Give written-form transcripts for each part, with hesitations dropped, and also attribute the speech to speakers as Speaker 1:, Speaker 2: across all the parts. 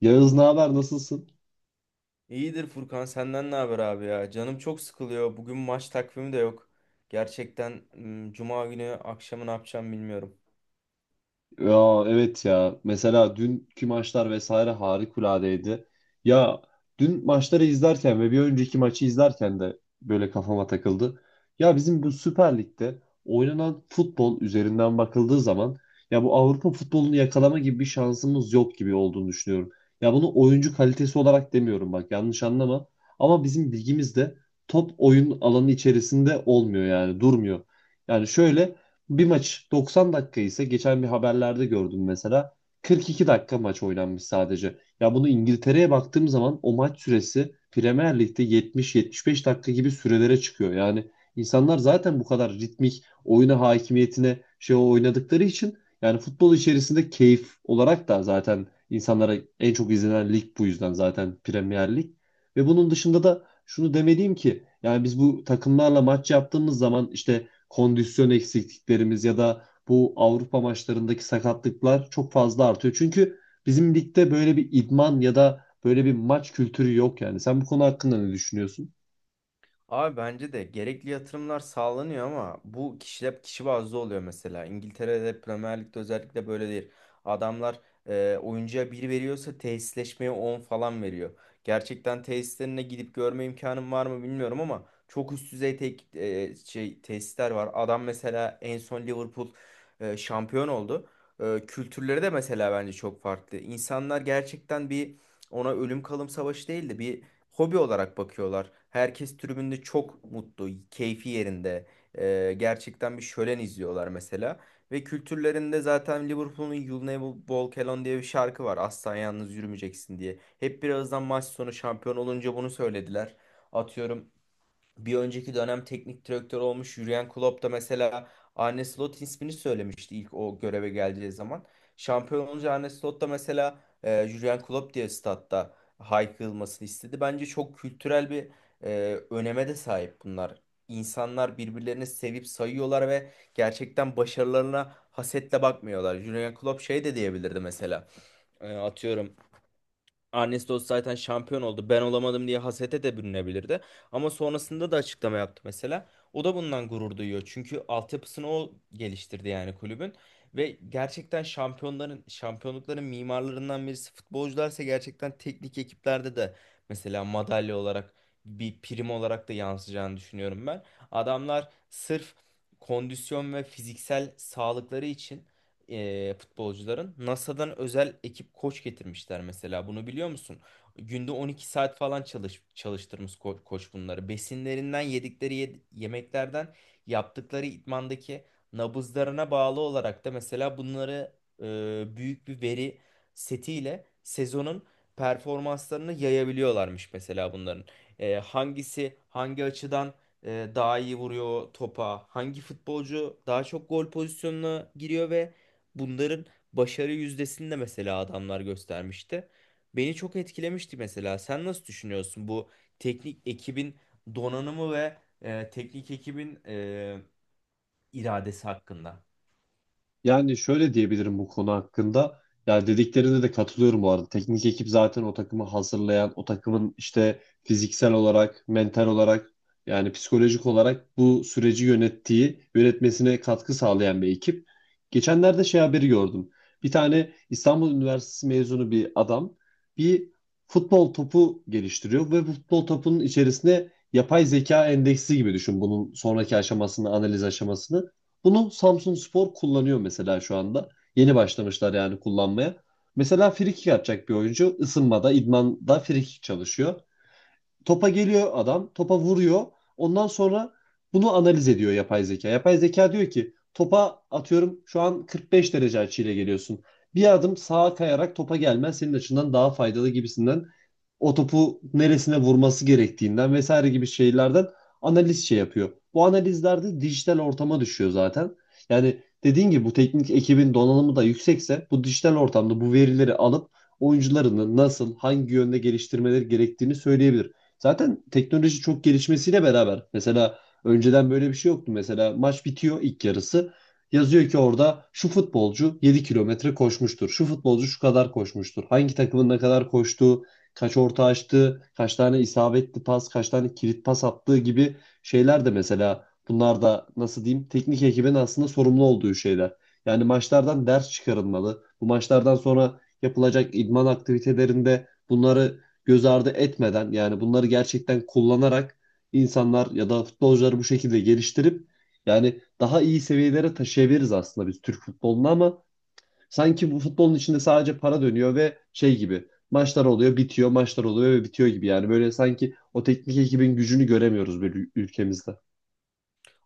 Speaker 1: Yağız, ne haber, nasılsın?
Speaker 2: İyidir Furkan, senden ne haber abi ya? Canım çok sıkılıyor. Bugün maç takvimi de yok. Gerçekten Cuma günü akşamı ne yapacağım bilmiyorum.
Speaker 1: Ya evet, ya mesela dünkü maçlar vesaire harikuladeydi. Ya dün maçları izlerken ve bir önceki maçı izlerken de böyle kafama takıldı. Ya bizim bu Süper Lig'de oynanan futbol üzerinden bakıldığı zaman ya bu Avrupa futbolunu yakalama gibi bir şansımız yok gibi olduğunu düşünüyorum. Ya bunu oyuncu kalitesi olarak demiyorum, bak yanlış anlama. Ama bizim ligimizde top oyun alanı içerisinde olmuyor, yani durmuyor. Yani şöyle, bir maç 90 dakika ise geçen bir haberlerde gördüm mesela 42 dakika maç oynanmış sadece. Ya bunu İngiltere'ye baktığım zaman o maç süresi Premier Lig'de 70-75 dakika gibi sürelere çıkıyor. Yani insanlar zaten bu kadar ritmik oyuna hakimiyetine oynadıkları için yani futbol içerisinde keyif olarak da zaten insanlara en çok izlenen lig bu yüzden zaten Premier Lig. Ve bunun dışında da şunu demeliyim ki yani biz bu takımlarla maç yaptığımız zaman işte kondisyon eksikliklerimiz ya da bu Avrupa maçlarındaki sakatlıklar çok fazla artıyor. Çünkü bizim ligde böyle bir idman ya da böyle bir maç kültürü yok yani. Sen bu konu hakkında ne düşünüyorsun?
Speaker 2: Abi bence de gerekli yatırımlar sağlanıyor ama bu kişiler kişi bazlı oluyor mesela. İngiltere'de Premier Lig'de özellikle böyle değil. Adamlar oyuncuya bir veriyorsa tesisleşmeye 10 falan veriyor. Gerçekten tesislerine gidip görme imkanım var mı bilmiyorum ama çok üst düzey şey tesisler var. Adam mesela en son Liverpool şampiyon oldu. Kültürleri de mesela bence çok farklı. İnsanlar gerçekten bir ona ölüm kalım savaşı değildi. Bir hobi olarak bakıyorlar. Herkes tribünde çok mutlu, keyfi yerinde. Gerçekten bir şölen izliyorlar mesela. Ve kültürlerinde zaten Liverpool'un You'll Never Walk Alone diye bir şarkı var. Asla yalnız yürümeyeceksin diye. Hep birazdan maç sonu şampiyon olunca bunu söylediler. Atıyorum, bir önceki dönem teknik direktör olmuş Jürgen Klopp da mesela Arne Slot ismini söylemişti ilk o göreve geldiği zaman. Şampiyon olunca Arne Slot da mesela Jürgen Klopp diye statta haykırılmasını istedi. Bence çok kültürel bir öneme de sahip bunlar. İnsanlar birbirlerini sevip sayıyorlar ve gerçekten başarılarına hasetle bakmıyorlar. Jürgen Klopp şey de diyebilirdi mesela. Atıyorum, Ernestos zaten şampiyon oldu. Ben olamadım diye hasete de bürünebilirdi. Ama sonrasında da açıklama yaptı mesela. O da bundan gurur duyuyor. Çünkü altyapısını o geliştirdi yani kulübün. Ve gerçekten şampiyonların, şampiyonlukların mimarlarından birisi futbolcularsa gerçekten teknik ekiplerde de mesela madalya olarak, bir prim olarak da yansıyacağını düşünüyorum ben. Adamlar sırf kondisyon ve fiziksel sağlıkları için futbolcuların NASA'dan özel ekip koç getirmişler mesela. Bunu biliyor musun? Günde 12 saat falan çalıştırmış koç bunları. Besinlerinden yemeklerden yaptıkları idmandaki nabızlarına bağlı olarak da mesela bunları e, büyük bir veri setiyle sezonun performanslarını yayabiliyorlarmış mesela bunların. Hangisi hangi açıdan daha iyi vuruyor topa, hangi futbolcu daha çok gol pozisyonuna giriyor ve bunların başarı yüzdesini de mesela adamlar göstermişti. Beni çok etkilemişti mesela. Sen nasıl düşünüyorsun bu teknik ekibin donanımı ve teknik ekibin iradesi hakkında?
Speaker 1: Yani şöyle diyebilirim bu konu hakkında. Ya dediklerine de katılıyorum bu arada. Teknik ekip zaten o takımı hazırlayan, o takımın işte fiziksel olarak, mental olarak, yani psikolojik olarak bu süreci yönettiği, yönetmesine katkı sağlayan bir ekip. Geçenlerde haberi gördüm. Bir tane İstanbul Üniversitesi mezunu bir adam bir futbol topu geliştiriyor ve bu futbol topunun içerisine yapay zeka endeksi gibi düşün bunun sonraki aşamasını, analiz aşamasını. Bunu Samsunspor kullanıyor mesela şu anda. Yeni başlamışlar yani kullanmaya. Mesela frikik atacak bir oyuncu ısınmada, idmanda frikik çalışıyor. Topa geliyor adam, topa vuruyor. Ondan sonra bunu analiz ediyor yapay zeka. Yapay zeka diyor ki topa atıyorum şu an 45 derece açıyla geliyorsun. Bir adım sağa kayarak topa gelmen senin açından daha faydalı gibisinden o topu neresine vurması gerektiğinden vesaire gibi şeylerden analiz yapıyor. Bu analizlerde dijital ortama düşüyor zaten. Yani dediğin gibi bu teknik ekibin donanımı da yüksekse bu dijital ortamda bu verileri alıp oyuncularını nasıl, hangi yönde geliştirmeleri gerektiğini söyleyebilir. Zaten teknoloji çok gelişmesiyle beraber mesela önceden böyle bir şey yoktu. Mesela maç bitiyor ilk yarısı. Yazıyor ki orada şu futbolcu 7 kilometre koşmuştur. Şu futbolcu şu kadar koşmuştur. Hangi takımın ne kadar koştuğu, kaç orta açtığı, kaç tane isabetli pas, kaç tane kilit pas attığı gibi şeyler de mesela bunlar da nasıl diyeyim teknik ekibin aslında sorumlu olduğu şeyler. Yani maçlardan ders çıkarılmalı. Bu maçlardan sonra yapılacak idman aktivitelerinde bunları göz ardı etmeden, yani bunları gerçekten kullanarak insanlar ya da futbolcuları bu şekilde geliştirip yani daha iyi seviyelere taşıyabiliriz aslında biz Türk futbolunu. Ama sanki bu futbolun içinde sadece para dönüyor ve şey gibi maçlar oluyor bitiyor, maçlar oluyor ve bitiyor gibi, yani böyle sanki o teknik ekibin gücünü göremiyoruz bir ülkemizde.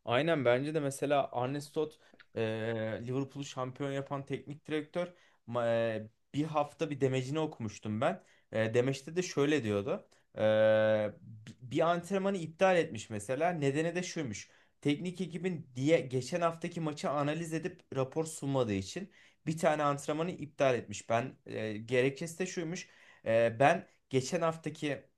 Speaker 2: Aynen, bence de mesela Arne Slot e, Liverpool'u şampiyon yapan teknik direktör Ma- bir hafta bir demecini okumuştum ben. Demeçte de şöyle diyordu. E, Bir antrenmanı iptal etmiş mesela. Nedeni de şuymuş. Teknik ekibin diye geçen haftaki maçı analiz edip rapor sunmadığı için bir tane antrenmanı iptal etmiş. Gerekçesi de şuymuş. Ben geçen haftaki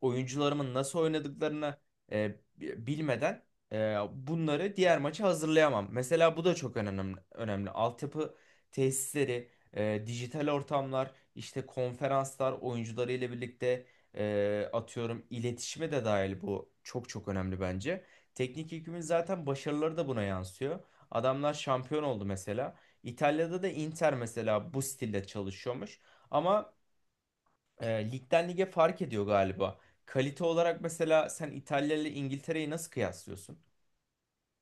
Speaker 2: oyuncularımın nasıl oynadıklarını e, bilmeden bunları diğer maça hazırlayamam. Mesela bu da çok önemli. Altyapı tesisleri, dijital ortamlar, işte konferanslar, oyuncularıyla birlikte atıyorum iletişime de dahil, bu çok çok önemli bence. Teknik ekibimin zaten başarıları da buna yansıyor. Adamlar şampiyon oldu mesela. İtalya'da da Inter mesela bu stilde çalışıyormuş. Ama ligden lige fark ediyor galiba. Kalite olarak mesela sen İtalya ile İngiltere'yi nasıl kıyaslıyorsun?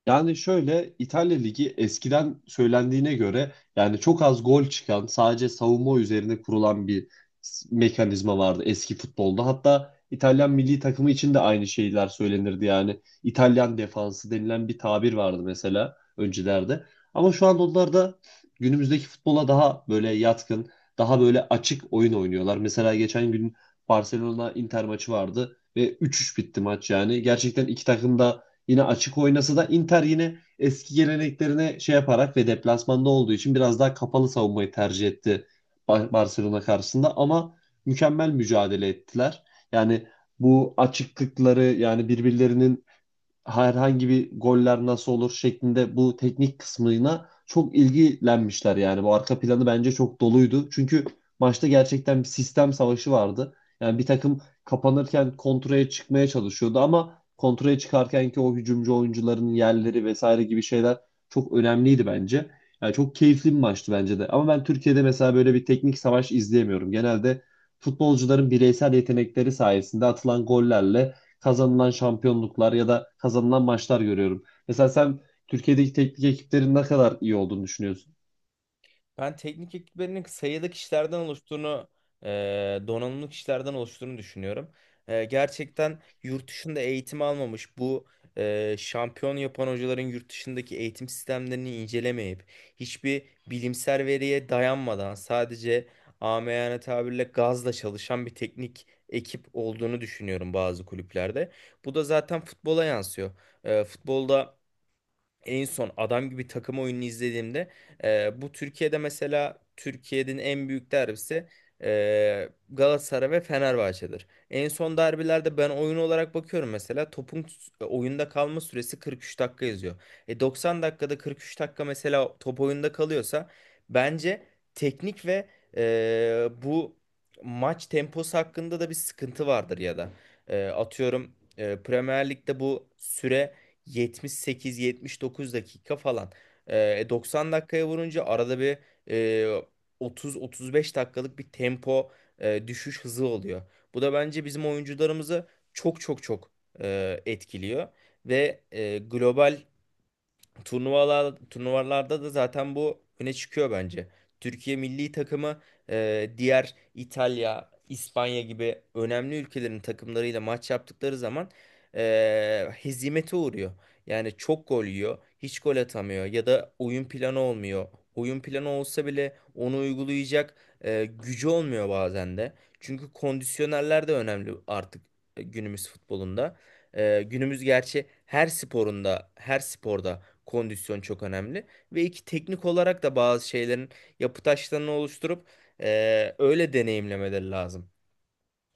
Speaker 1: Yani şöyle, İtalya Ligi eskiden söylendiğine göre yani çok az gol çıkan, sadece savunma üzerine kurulan bir mekanizma vardı eski futbolda. Hatta İtalyan milli takımı için de aynı şeyler söylenirdi yani. İtalyan defansı denilen bir tabir vardı mesela öncelerde. Ama şu an onlar da günümüzdeki futbola daha böyle yatkın, daha böyle açık oyun oynuyorlar. Mesela geçen gün Barcelona Inter maçı vardı ve 3-3 bitti maç yani. Gerçekten iki takım da yine açık oynasa da Inter yine eski geleneklerine şey yaparak ve deplasmanda olduğu için biraz daha kapalı savunmayı tercih etti Barcelona karşısında. Ama mükemmel mücadele ettiler. Yani bu açıklıkları, yani birbirlerinin herhangi bir goller nasıl olur şeklinde bu teknik kısmına çok ilgilenmişler yani. Bu arka planı bence çok doluydu. Çünkü maçta gerçekten bir sistem savaşı vardı. Yani bir takım kapanırken kontraya çıkmaya çalışıyordu, ama kontraya çıkarken ki o hücumcu oyuncuların yerleri vesaire gibi şeyler çok önemliydi bence. Yani çok keyifli bir maçtı bence de. Ama ben Türkiye'de mesela böyle bir teknik savaş izleyemiyorum. Genelde futbolcuların bireysel yetenekleri sayesinde atılan gollerle kazanılan şampiyonluklar ya da kazanılan maçlar görüyorum. Mesela sen Türkiye'deki teknik ekiplerin ne kadar iyi olduğunu düşünüyorsun?
Speaker 2: Ben teknik ekiplerinin sayıda e, donanımlı kişilerden oluştuğunu düşünüyorum. Gerçekten yurt dışında eğitim almamış bu şampiyon yapan hocaların yurt dışındaki eğitim sistemlerini incelemeyip hiçbir bilimsel veriye dayanmadan sadece amiyane tabirle gazla çalışan bir teknik ekip olduğunu düşünüyorum bazı kulüplerde. Bu da zaten futbola yansıyor. Futbolda en son adam gibi takım oyununu izlediğimde, bu Türkiye'de mesela Türkiye'nin en büyük derbisi, Galatasaray ve Fenerbahçe'dir. En son derbilerde ben oyun olarak bakıyorum mesela topun oyunda kalma süresi 43 dakika yazıyor. E 90 dakikada 43 dakika mesela top oyunda kalıyorsa bence teknik ve bu maç temposu hakkında da bir sıkıntı vardır ya da atıyorum Premier Lig'de bu süre 78-79 dakika falan. 90 dakikaya vurunca arada bir e, 30-35 dakikalık bir tempo düşüş hızı oluyor. Bu da bence bizim oyuncularımızı çok çok çok etkiliyor ve global turnuvalarda da zaten bu öne çıkıyor bence. Türkiye milli takımı diğer İtalya, İspanya gibi önemli ülkelerin takımlarıyla maç yaptıkları zaman hezimete uğruyor. Yani çok gol yiyor, hiç gol atamıyor ya da oyun planı olmuyor. Oyun planı olsa bile onu uygulayacak gücü olmuyor bazen de. Çünkü kondisyonerler de önemli artık günümüz futbolunda. Günümüz gerçi her sporunda, her sporda kondisyon çok önemli. Ve iki teknik olarak da bazı şeylerin yapı taşlarını oluşturup öyle deneyimlemeleri lazım,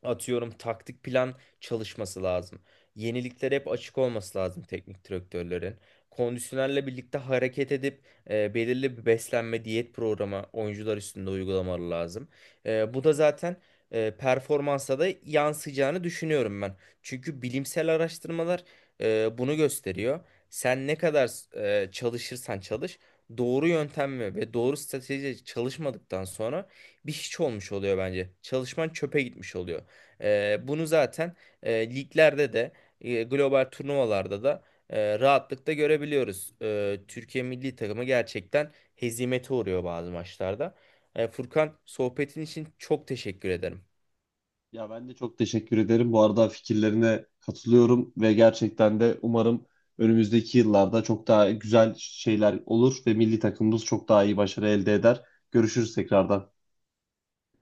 Speaker 2: atıyorum taktik plan çalışması lazım. Yeniliklere hep açık olması lazım teknik direktörlerin. Kondisyonerle birlikte hareket edip belirli bir beslenme diyet programı oyuncular üstünde uygulamaları lazım. Bu da zaten performansa da yansıyacağını düşünüyorum ben. Çünkü bilimsel araştırmalar bunu gösteriyor. Sen ne kadar çalışırsan çalış, doğru yöntemle ve doğru stratejiyle çalışmadıktan sonra bir hiç olmuş oluyor bence. Çalışman çöpe gitmiş oluyor. Bunu zaten liglerde de global turnuvalarda da rahatlıkla görebiliyoruz. Türkiye milli takımı gerçekten hezimete uğruyor bazı maçlarda. Furkan, sohbetin için çok teşekkür ederim.
Speaker 1: Ya ben de çok teşekkür ederim. Bu arada fikirlerine katılıyorum ve gerçekten de umarım önümüzdeki yıllarda çok daha güzel şeyler olur ve milli takımımız çok daha iyi başarı elde eder. Görüşürüz tekrardan.